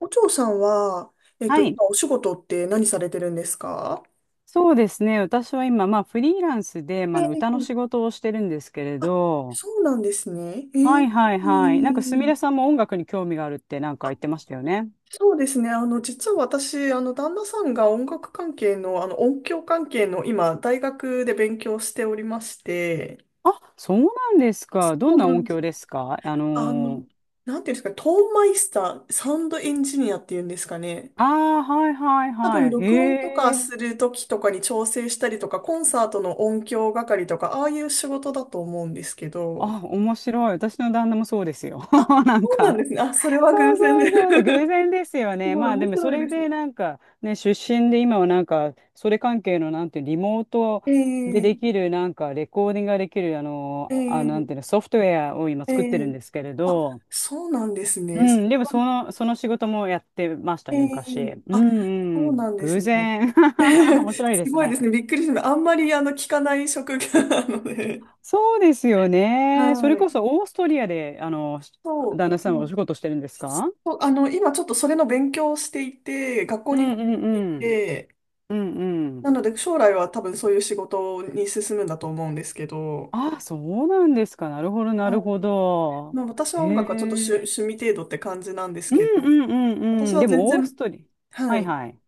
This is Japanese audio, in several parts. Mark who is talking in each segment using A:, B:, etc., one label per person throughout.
A: お嬢さんは、
B: はい、
A: 今お仕事って何されてるんですか？
B: そうですね。私は今、まあ、フリーランスで、まあ、
A: え
B: あの歌の仕
A: え。
B: 事をしてるんですけれ
A: あ、
B: ど、
A: そうなんですね。え
B: はい
A: え。
B: はい
A: え
B: はい。なんか、すみれさん
A: え。
B: も音楽に興味があるってなんか言ってましたよね。
A: そうですね。実は私、旦那さんが音楽関係の、音響関係の、今、大学で勉強しておりまして、
B: あ、そうなんです
A: そ
B: か。どん
A: う
B: な
A: な
B: 音
A: んです。
B: 響ですか？
A: あの、なんていうんですか、トーンマイスター、サウンドエンジニアっていうんですかね。
B: ああ、はいはい
A: 多分
B: はい。
A: 録音とか
B: へえ。
A: するときとかに調整したりとか、コンサートの音響係とか、ああいう仕事だと思うんですけど。
B: あ、面白い。私の旦那もそうですよ。
A: あ、
B: なん
A: そうなん
B: か
A: ですね。あ、それは
B: そ
A: 偶
B: う
A: 然
B: そう
A: で。
B: そう、偶然ですよ
A: す
B: ね。
A: ごい
B: まあで
A: 面
B: もそ
A: 白い
B: れ
A: ですね。
B: でなんかね、出身で今はなんか、それ関係のなんていうリモートで
A: え
B: で
A: え。
B: きるなんかレコーディングができるあの、
A: え
B: あ、なんていうの、
A: え。
B: ソフトウェアを今
A: え
B: 作ってるん
A: え。
B: ですけれ
A: あ、
B: ど、
A: そうなんです
B: う
A: ね。
B: ん、でもその仕事もやってました
A: え
B: ね、昔。
A: え。
B: う
A: あ、
B: ん
A: そ
B: う
A: うな
B: ん、
A: んです
B: 偶
A: ね。
B: 然。面白い
A: す
B: です
A: ごいで
B: ね。
A: すね。びっくりしました。あんまり聞かない職業なので。
B: そうですよね。それ
A: はい。
B: こそオーストリアで、
A: そ
B: 旦那
A: う。
B: さんはお
A: ね。
B: 仕事してるんですか？
A: そう、今ちょっとそれの勉強をしていて、学校
B: う
A: に通
B: んうん
A: ってい
B: うん。
A: て、
B: うんうん。
A: なので将来は多分そういう仕事に進むんだと思うんですけど、
B: あ、そうなんですか。なるほど、な
A: は
B: るほ
A: い。
B: ど。
A: まあ、私
B: へ
A: は音楽はちょっと
B: え。
A: 趣味程度って感じなんです
B: う
A: け
B: ん
A: ど、
B: うんうん
A: 私
B: うん。
A: は
B: で
A: 全
B: も、オー
A: 然、
B: ストリー。
A: は
B: はい
A: い、
B: はい。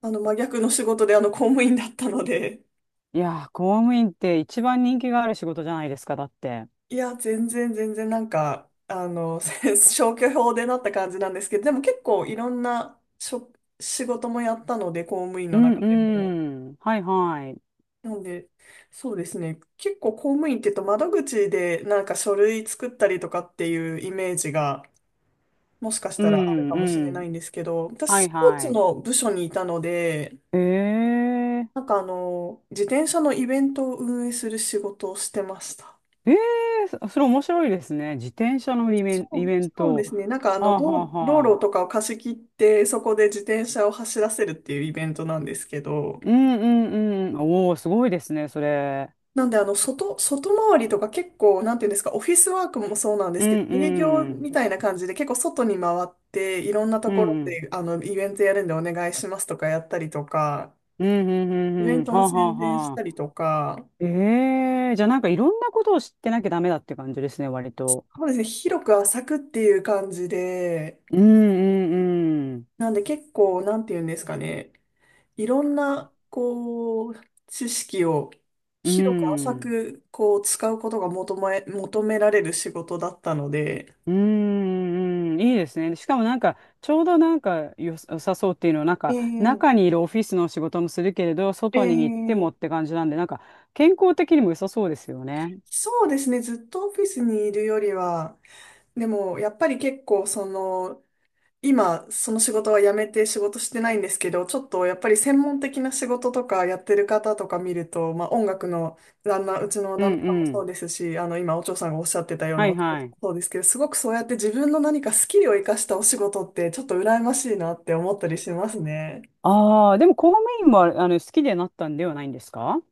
A: 真逆の仕事で公務員だったので、
B: いやー、公務員って一番人気がある仕事じゃないですか、だって。
A: いや、全然全然なんか、消去法でなった感じなんですけど、でも結構いろんな仕事もやったので、公務員
B: う
A: の
B: ん
A: 中でも。
B: うん。はいはい。
A: なんで、そうですね。結構公務員って言うと窓口でなんか書類作ったりとかっていうイメージがもしかし
B: う
A: たらある
B: ん
A: かもし
B: う
A: れな
B: ん。
A: いんですけど、私
B: はい
A: スポー
B: は
A: ツ
B: い。
A: の部署にいたので、
B: え
A: なん
B: え。
A: か自転車のイベントを運営する仕事をしてました。
B: ええ、そそれ面白いですね。自転車のイベ
A: そ
B: ン、イ
A: う、
B: ベン
A: そうで
B: ト。
A: すね。なんか
B: はあはあ
A: 道
B: は
A: 路
B: あ。
A: とかを貸し切ってそこで自転車を走らせるっていうイベントなんですけど、
B: うんうんうん。おお、すごいですね、それ。
A: なんで、外回りとか結構、なんていうんですか、オフィスワークもそうなんで
B: う
A: すけ
B: ん
A: ど、営業
B: う
A: み
B: ん。
A: たいな感じで結構外に回って、いろんなと
B: う
A: ころ
B: んうん。
A: で、イベントやるんでお願いしますとかやったりとか、
B: うんうんう
A: イベ
B: んう
A: ン
B: ん。
A: ト
B: は
A: の
B: あ、はあ
A: 宣伝した
B: は
A: りと
B: あ。
A: か、
B: ええ、じゃあなんかいろんなことを知ってなきゃダメだって感じですね、割と。
A: そうですね、広く浅くっていう感じで、
B: うんうんうん。
A: なんで結構、なんていうんですかね、いろんな、こう、知識を
B: う
A: 広く浅
B: ん
A: く、こう、使うことが求められる仕事だったので、
B: うんうん。いいですね。しかもなんか、ちょうどなんか良さそうっていうのは、なん
A: え
B: か、中
A: え。
B: にいるオフィスの仕事もするけれど、
A: え
B: 外に行ってもっ
A: え。
B: て感じなんで、なんか、健康的にも良さそうですよね。
A: そうですね。ずっとオフィスにいるよりは、でもやっぱり結構その、今その仕事は辞めて仕事してないんですけど、ちょっとやっぱり専門的な仕事とかやってる方とか見ると、まあ音楽のうちの
B: う
A: 旦那
B: ん
A: さんも
B: う
A: そ
B: ん。
A: うですし、今お嬢さんがおっしゃってたよう
B: は
A: な
B: い
A: お仕
B: は
A: 事
B: い。
A: もそうですけど、すごくそうやって自分の何かスキルを生かしたお仕事ってちょっと羨ましいなって思ったりしますね。
B: ああ、でも公務員も好きでなったんではないんですか？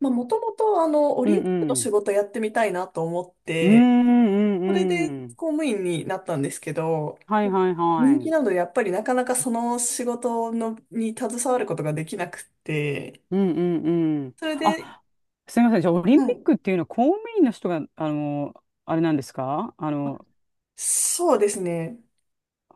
A: まあもともとオ
B: うん
A: リンピックの
B: う
A: 仕
B: ん。
A: 事やってみたいなと思っ
B: うんう
A: て、
B: んう
A: それ
B: ん
A: で
B: うん。
A: 公務員になったんですけど、
B: はいはいは
A: 人気な
B: い。
A: のでやっぱりなかなかその仕事のに携わることができなくて、
B: うんうんうん。
A: それで、
B: あ、すみません。じゃあ、オリン
A: は
B: ピッ
A: い。
B: クっていうのは公務員の人が、あれなんですか？
A: あ、そうですね。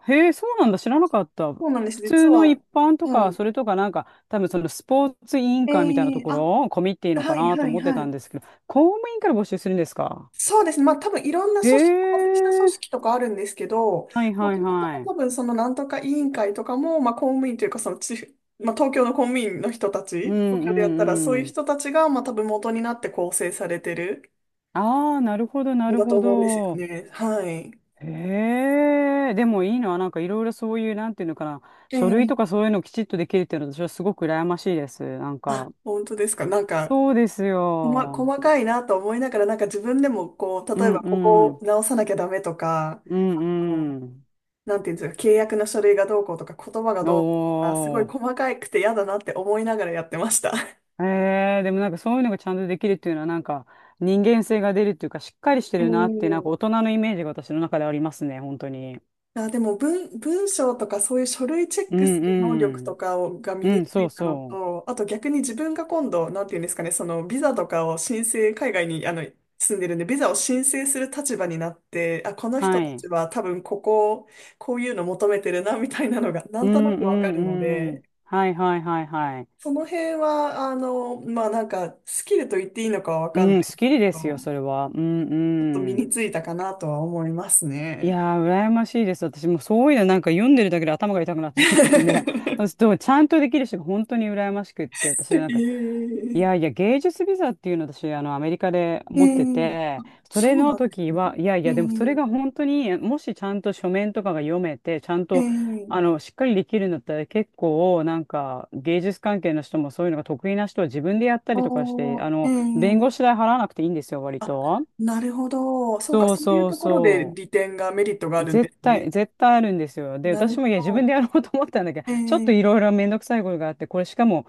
B: へえ、そうなんだ。知らなかった。
A: そうなんです。
B: 普
A: 実
B: 通の
A: は、
B: 一般と
A: は
B: か、
A: い。
B: それとかなんか、多分そのスポーツ委員
A: え
B: 会みたいなと
A: え。
B: こ
A: あ、
B: ろ、コミっていいのか
A: はい、
B: なと
A: はい、
B: 思って
A: は
B: たん
A: い。
B: ですけど、公務員から募集するんですか？
A: そうですね。まあ多分いろんな
B: へ
A: 組織、外した組
B: え、
A: 織とかあるんですけど、
B: はい
A: も
B: は
A: と
B: い
A: もと
B: はい。
A: 多分そのなんとか委員会とかも、まあ公務員というかその地方、まあ東京の公務員の人た
B: うん
A: ち、東
B: う
A: 京でやったらそういう
B: んうん。
A: 人たちが、まあ多分元になって構成されてる
B: ああ、なるほど、な
A: ん
B: る
A: だと
B: ほ
A: 思うんですよ
B: ど。
A: ね。はい。
B: へえ、でもいいな。なんかいろいろそういう、なんていうのかな。書類とか
A: ええ。
B: そういうのをきちっとできるっていうのは私はすごく羨ましいです。なん
A: あ、
B: か、
A: 本当ですか。なんか、
B: そうですよ。
A: 細かいなと思いながら、なんか自分でもこう、
B: う
A: 例え
B: ん
A: ばここ
B: う
A: を
B: ん。
A: 直さなきゃダメとか、
B: うんう
A: なんていうんですか、契約の書類がどうこうとか、言葉が
B: ん。
A: どうこうとか、すごい
B: お
A: 細かくて嫌だなって思いながらやってました。
B: ー。でもなんかそういうのがちゃんとできるっていうのはなんか人間性が出るっていうかしっかりして
A: え
B: るなってなんか
A: え。
B: 大人のイメージが私の中でありますね、本当に。
A: あ、でも文章とかそういう書類チェッ
B: う
A: クす
B: ん
A: る能力
B: う
A: と
B: ん。
A: かをが身
B: う
A: に
B: ん、
A: つ
B: そう
A: いたの
B: そう。
A: と、あと逆に自分が今度、なんていうんですかね、そのビザとかを申請、海外に住んでるんで、ビザを申請する立場になって、あ、この人
B: は
A: た
B: い。
A: ちは多分こういうの求めてるな、みたいなのがな
B: う
A: んと
B: ん
A: なく
B: う
A: わかるの
B: んう
A: で、
B: ん。はいはいはいはい。
A: その辺は、まあなんか、スキルと言っていいのかはわかん
B: う
A: な
B: ん、
A: いけ
B: スッキリですよ、
A: ど、
B: それは。うん
A: ちょっと身
B: うん。
A: についたかなとは思います
B: い
A: ね。
B: やー、羨ましいです。私もそういうのなんか読んでるだけで頭が痛くなっちゃってきてね。そ うちゃんとできる人が本当に羨ましくって、私なんか、
A: え
B: いやい
A: え。
B: や、芸術ビザっていうのを私、アメリカで
A: え
B: 持って
A: え。
B: て、そ
A: そ
B: れ
A: うな
B: の
A: んです
B: 時は、
A: ね。
B: いやいや、でもそれが本当に、もしちゃんと書面とかが読めて、ちゃん
A: ええ。
B: と、
A: ええ。
B: しっかりできるんだったら、結構、なんか、芸術関係の人もそういうのが得意な人は自分でやった
A: あ
B: り
A: あ
B: とかして、
A: ー。え
B: 弁
A: え。
B: 護士代払わなくていいんですよ、割
A: あ、
B: と。
A: なるほど。そうか、
B: そう
A: そういう
B: そう
A: ところで
B: そ
A: 利点が、メリットがあ
B: う。
A: るんで
B: 絶
A: すね。
B: 対、絶対あるんですよ。で、
A: な
B: 私
A: る
B: もいや、
A: ほ
B: 自分で
A: ど。
B: やろうと思ったんだけど、
A: え
B: ちょっ
A: え。
B: といろいろめんどくさいことがあって、これしかも、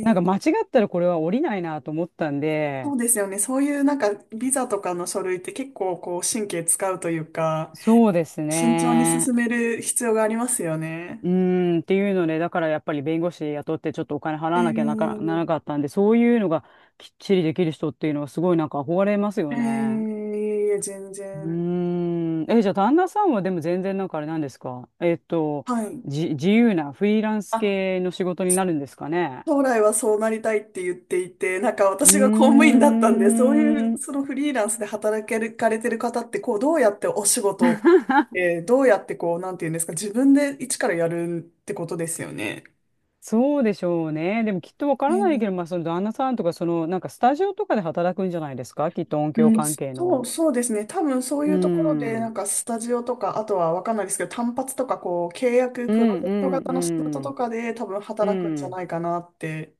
B: なんか間違
A: え。
B: ったらこれは降りないなと思ったん
A: そ
B: で、
A: うですよね。そういうなんか、ビザとかの書類って結構こう、神経使うというか、
B: そうです
A: 慎重に
B: ね。
A: 進める必要がありますよ
B: う
A: ね。
B: ーん、っていうので、だからやっぱり弁護士雇ってちょっとお金払
A: え
B: わなきゃなかならな
A: ー、
B: かったんで、そういうのがきっちりできる人っていうのはすごいなんか憧れます
A: え
B: よ
A: ー、い
B: ね。
A: えいえ、全
B: う
A: 然。
B: ーん。え、じゃあ、旦那さんはでも全然なんかあれなんですか？
A: はい。
B: 自由なフリーランス
A: あ、
B: 系の仕事になるんですかね？
A: 将来はそうなりたいって言っていて、なんか
B: う
A: 私が公務員
B: ー
A: だったんで、そういう、
B: ん。
A: そのフリーランスで働けるかれてる方って、こう、どうやってお仕事を取って、どうやってこう、なんていうんですか、自分で一からやるってことですよね。
B: そうでしょうね。でもきっとわか
A: え
B: らないけど、
A: ー
B: まあ、その旦那さんとか、その、なんかスタジオとかで働くんじゃないですか？きっと音
A: う
B: 響
A: ん、
B: 関係
A: そう、
B: の。
A: そうですね。多分そう
B: う
A: い
B: ー
A: うところで、なん
B: ん。
A: かスタジオとか、あとはわかんないですけど、単発とか、こう、契約、
B: う
A: プロ
B: ん
A: ジェ
B: う
A: クト
B: ん
A: 型の仕事
B: う
A: と
B: ん。
A: かで、多分
B: う
A: 働くんじゃ
B: ん。
A: ないかなって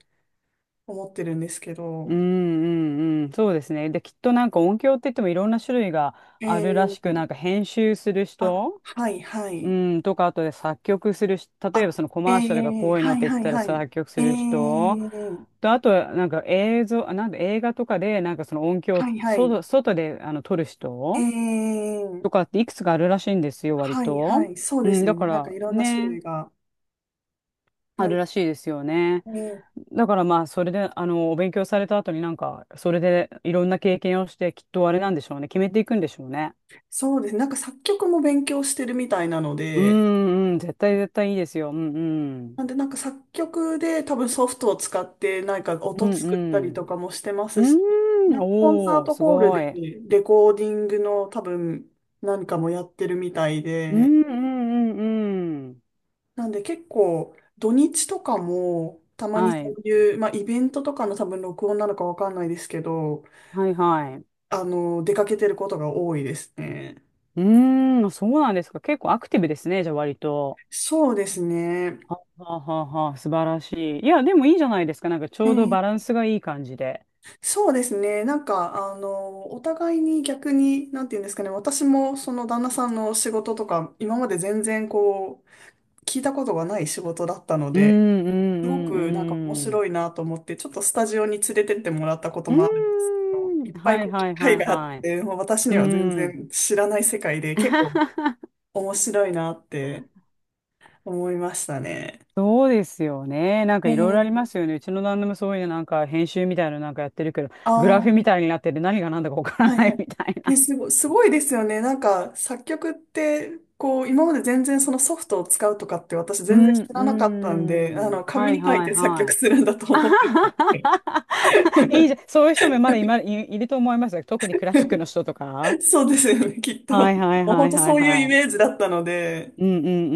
A: 思ってるんですけ
B: う
A: ど。
B: んうんうん。そうですね。で、きっとなんか音響って言ってもいろんな種類があ
A: え
B: るらしく、
A: ー、
B: なんか編集する
A: あ、
B: 人
A: はい、は
B: う
A: い。
B: ん、とか、あとで作曲するし、例えば
A: あ、
B: そのコ
A: え
B: マーシャルが
A: ー、
B: こういうの
A: は
B: っ
A: い、
B: て言っ
A: はい、
B: たら
A: はい。
B: 作曲
A: え
B: する人、
A: ー、
B: と、あと、なんか映像、あなんで映画とかで、なんかその音響、
A: はい、はい。
B: 外であの撮る
A: え
B: 人
A: ー、
B: とかっていくつかあるらしいんですよ、割
A: はい、
B: と。
A: はい。そう
B: う
A: で
B: ん、
A: すよ
B: だ
A: ね。
B: か
A: なんか
B: ら
A: いろんな種
B: ね、
A: 類が。な
B: あ
A: ん
B: るらしいですよね。
A: で、
B: だからまあ、それで、お勉強された後になんか、それでいろんな経験をして、きっとあれなんでしょうね、決めていくんでしょうね。
A: そうです。なんか作曲も勉強してるみたいなの
B: う
A: で、
B: ん、うん、絶対絶対いいですよ。うん、うん。
A: なんで、なんか作曲で多分ソフトを使ってなんか
B: う
A: 音
B: ん、
A: 作った
B: う
A: り
B: ん。
A: とかもしてま
B: う
A: すし、
B: ーん、
A: なんかコンサー
B: おー、
A: ト
B: す
A: ホール
B: ご
A: で
B: い。
A: レコーディングの多分何かもやってるみたい
B: う
A: で、
B: ん、うん、うん、うん。
A: なんで結構土日とかもたまに
B: は
A: そ
B: い、
A: ういう、まあ、イベントとかの多分録音なのかわかんないですけど、
B: はい、はい。
A: 出かけてることが多いですね。
B: うーん、そうなんですか。結構アクティブですね、じゃあ割と。
A: そうですね。
B: ははははは、素晴らしい。いや、でもいいじゃないですか。なんかちょうど
A: え
B: バラ
A: え。
B: ンスがいい感じで。
A: そうですね。なんか、お互いに逆に、なんて言うんですかね、私もその旦那さんの仕事とか、今まで全然こう、聞いたことがない仕事だったの
B: うん、
A: で、
B: うん、う
A: すごくなんか面
B: ん、うん。
A: 白いなと思って、ちょっとスタジオに連れてってもらったこともあるんです
B: う
A: けど。いっ
B: ーん、
A: ぱい
B: は
A: こ
B: い、
A: う
B: は
A: 機
B: い、は
A: 会
B: い、
A: があっ
B: はい。
A: て、もう私
B: う
A: には全
B: ん。
A: 然知らない世界で、結構 面白いなって思いましたね。
B: そうですよね。なん
A: え
B: かいろいろありま
A: ー、
B: すよね。うちの旦那もそういうなんか編集みたいなのなんかやってるけど、
A: あ
B: グラ
A: ー、
B: フみたいになってて何が何だかわから
A: はい
B: な
A: は
B: い
A: い。
B: みたい
A: ね、
B: な。
A: すごい、すごいですよね。なんか、作曲って、こう、今まで全然そのソフトを使うとかって私
B: う
A: 全然
B: ん、
A: 知らなかったんで、
B: うん。
A: 紙
B: はい
A: に書い
B: はい
A: て作
B: は
A: 曲
B: い。
A: するんだと
B: あ
A: 思っ
B: は
A: て。
B: はははいいじゃん。そういう人もまだ今いると思いますよ。特にクラシックの 人とか。
A: そうですよね、きっと。も
B: はいはい
A: う
B: は
A: 本
B: い
A: 当
B: はい
A: そういうイ
B: は
A: メー
B: い。
A: ジだったので、
B: うんうん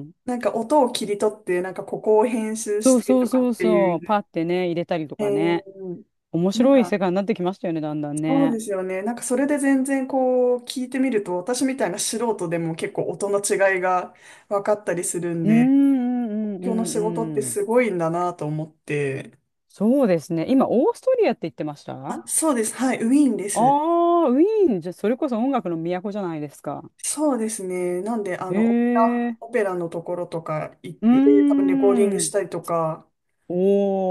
B: うん。
A: なんか音を切り取って、なんかここを編集し
B: そう
A: て
B: そ
A: と
B: う
A: か
B: そ
A: っ
B: う
A: てい
B: そう。
A: う。
B: パってね、入れたりと
A: え
B: かね。
A: ー、
B: 面
A: なん
B: 白い
A: か、
B: 世界になってきましたよね、だんだん
A: そう
B: ね。
A: ですよね。なんかそれで全然こう、聞いてみると、私みたいな素人でも結構音の違いが分かったりするん
B: うん
A: で、
B: う
A: 東
B: んう
A: 京の
B: んう
A: 仕事って
B: んうん。
A: すごいんだなと思って。
B: そうですね。今、オーストリアって言ってました？あ
A: あ、そうです。はい、ウィーンで
B: あ
A: す。
B: ー、ウィーン、じゃ、それこそ音楽の都じゃないですか。
A: そうですね。なんで、
B: へえ。
A: オペラのところとか行っ
B: うー
A: て、多分レコーディングし
B: ん。
A: たりとか、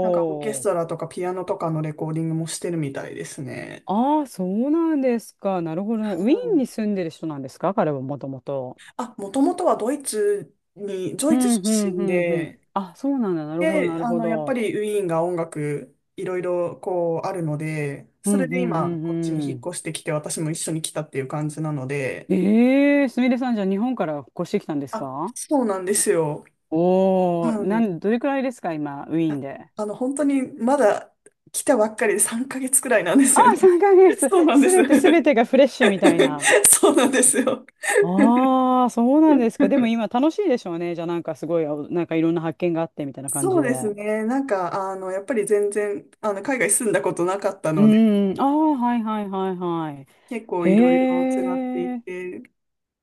A: なんかオーケス
B: ー。
A: トラとかピアノとかのレコーディングもしてるみたいですね。
B: ああ、そうなんですか。なるほどね。
A: は
B: ウィーン
A: い。
B: に住んでる人なんですか？彼はもともと。
A: あ、もともとはド
B: う
A: イツ
B: ん、う
A: 出
B: ん、う
A: 身
B: ん、うん。
A: で、
B: あ、そうなんだ。なるほど、
A: で、
B: なるほ
A: やっぱ
B: ど。
A: りウィーンが音楽、いろいろこうあるので、
B: う
A: そ
B: ん、
A: れ
B: う
A: で
B: ん、う
A: 今、
B: ん、
A: こっちに
B: う
A: 引っ
B: ん。
A: 越してきて、私も一緒に来たっていう感じなので、
B: ええ、すみれさん、じゃあ日本から越してきたんです
A: あ、
B: か？
A: そうなんですよ。
B: おおー、
A: はい。
B: どれくらいですか、今、ウィーンで？
A: 本当にまだ来たばっかりで3ヶ月くらいなんです
B: あ
A: よ
B: あ、
A: ね。
B: 3ヶ 月。
A: そうなんで
B: す
A: す。
B: べてすべてがフレッシュみたいな。
A: そうなんですよ。
B: ああ、そうなんですか。でも今楽しいでしょうね。じゃあなんかすごい、あなんかいろんな発見があってみたいな感
A: そ
B: じ
A: うで
B: で。
A: すね。なんか、やっぱり全然、海外住んだことなかった
B: う
A: ので、
B: ーん。ああ、はいはいはいはい。
A: 結構いろいろ
B: へ
A: 違ってい
B: え。
A: て、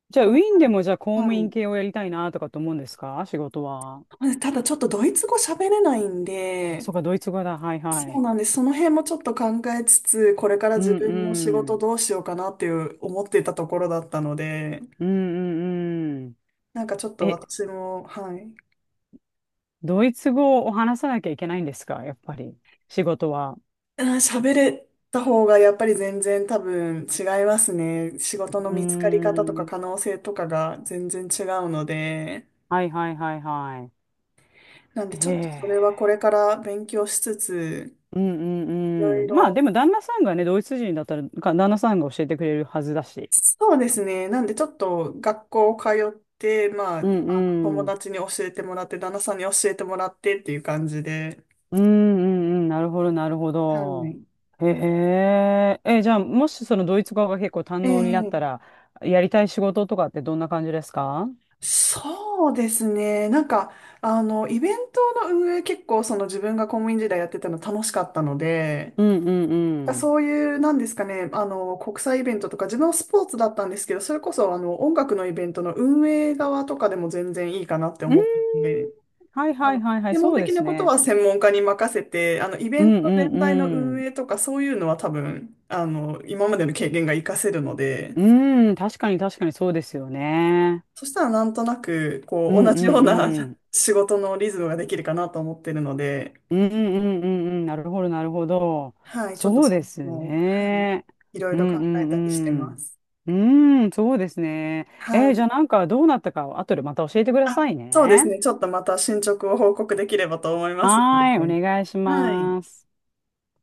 B: じゃあウ
A: こ
B: ィ
A: れ、
B: ーンでもじゃあ公
A: は
B: 務員
A: い。
B: 系をやりたいなとかと思うんですか？仕事は。
A: ただちょっとドイツ語喋れないんで、
B: そうか、ドイツ語だ。はいは
A: そう
B: い。
A: なんです。その辺もちょっと考えつつ、これから
B: う
A: 自
B: ん
A: 分の仕
B: う
A: 事
B: ん。
A: どうしようかなっていう思ってたところだったので、
B: うんうんうん。
A: なんかちょっと
B: え、
A: 私も、はい。
B: ドイツ語を話さなきゃいけないんですか？やっぱり。仕事は。
A: うん、喋れた方がやっぱり全然多分違いますね。仕事
B: う
A: の
B: ー
A: 見つかり方とか
B: ん。
A: 可能性とかが全然違うので。
B: はいはいはいは
A: なん
B: い。
A: でち
B: へ
A: ょっとそれはこ
B: え。
A: れから勉強しつつ、
B: うんう
A: いろ
B: ん
A: い
B: うん。まあ
A: ろ。
B: でも旦那さんがね、ドイツ人だったら、旦那さんが教えてくれるはずだし。
A: そうですね。なんでちょっと学校通って、まあ、
B: うん
A: 友
B: うん。
A: 達に教えてもらって、旦那さんに教えてもらってっていう感じで。
B: うんうんうん。なるほどなるほ
A: は
B: ど。
A: い。
B: へえ。え、じゃあもしそのドイツ語が結構堪
A: え
B: 能になっ
A: え。
B: たら、やりたい仕事とかってどんな感じですか？
A: そうですね。なんか、イベントの運営結構その自分が公務員時代やってたの楽しかったので、
B: うんうんうん。
A: そういう、なんですかね、国際イベントとか、自分はスポーツだったんですけど、それこそ、音楽のイベントの運営側とかでも全然いいかなって
B: うー
A: 思ってい
B: ん。
A: て、
B: はい
A: あ
B: はい
A: の、
B: はいはい。
A: 専門
B: そうで
A: 的な
B: す
A: こと
B: ね。
A: は専門家に任せて、イベ
B: う
A: ン
B: ん
A: ト
B: うん
A: 全体の
B: う
A: 運
B: ん。
A: 営とか、そういうのは多分、今までの経験が活かせるので、
B: うん。確かに確かにそうですよね。
A: そしたらなんとなく、こ
B: う
A: う、
B: ん
A: 同
B: う
A: じよう
B: ん
A: な
B: う ん。
A: 仕事のリズムができるかなと思ってるので、
B: うんうんうんうんうん、なるほど、なるほど。
A: はい、ちょっと
B: そう
A: そ
B: です
A: の、はい、
B: ね。
A: いろい
B: う
A: ろ考
B: んう
A: えたりして
B: ん
A: ます。
B: うん。うん、そうですね。
A: は
B: じ
A: い。
B: ゃあなんかどうなったか、後でまた教えてくだ
A: あ、
B: さい
A: そうです
B: ね。
A: ね。ちょっとまた進捗を報告できればと思いますの
B: はー
A: で。
B: い、お願いし
A: はい。
B: ます。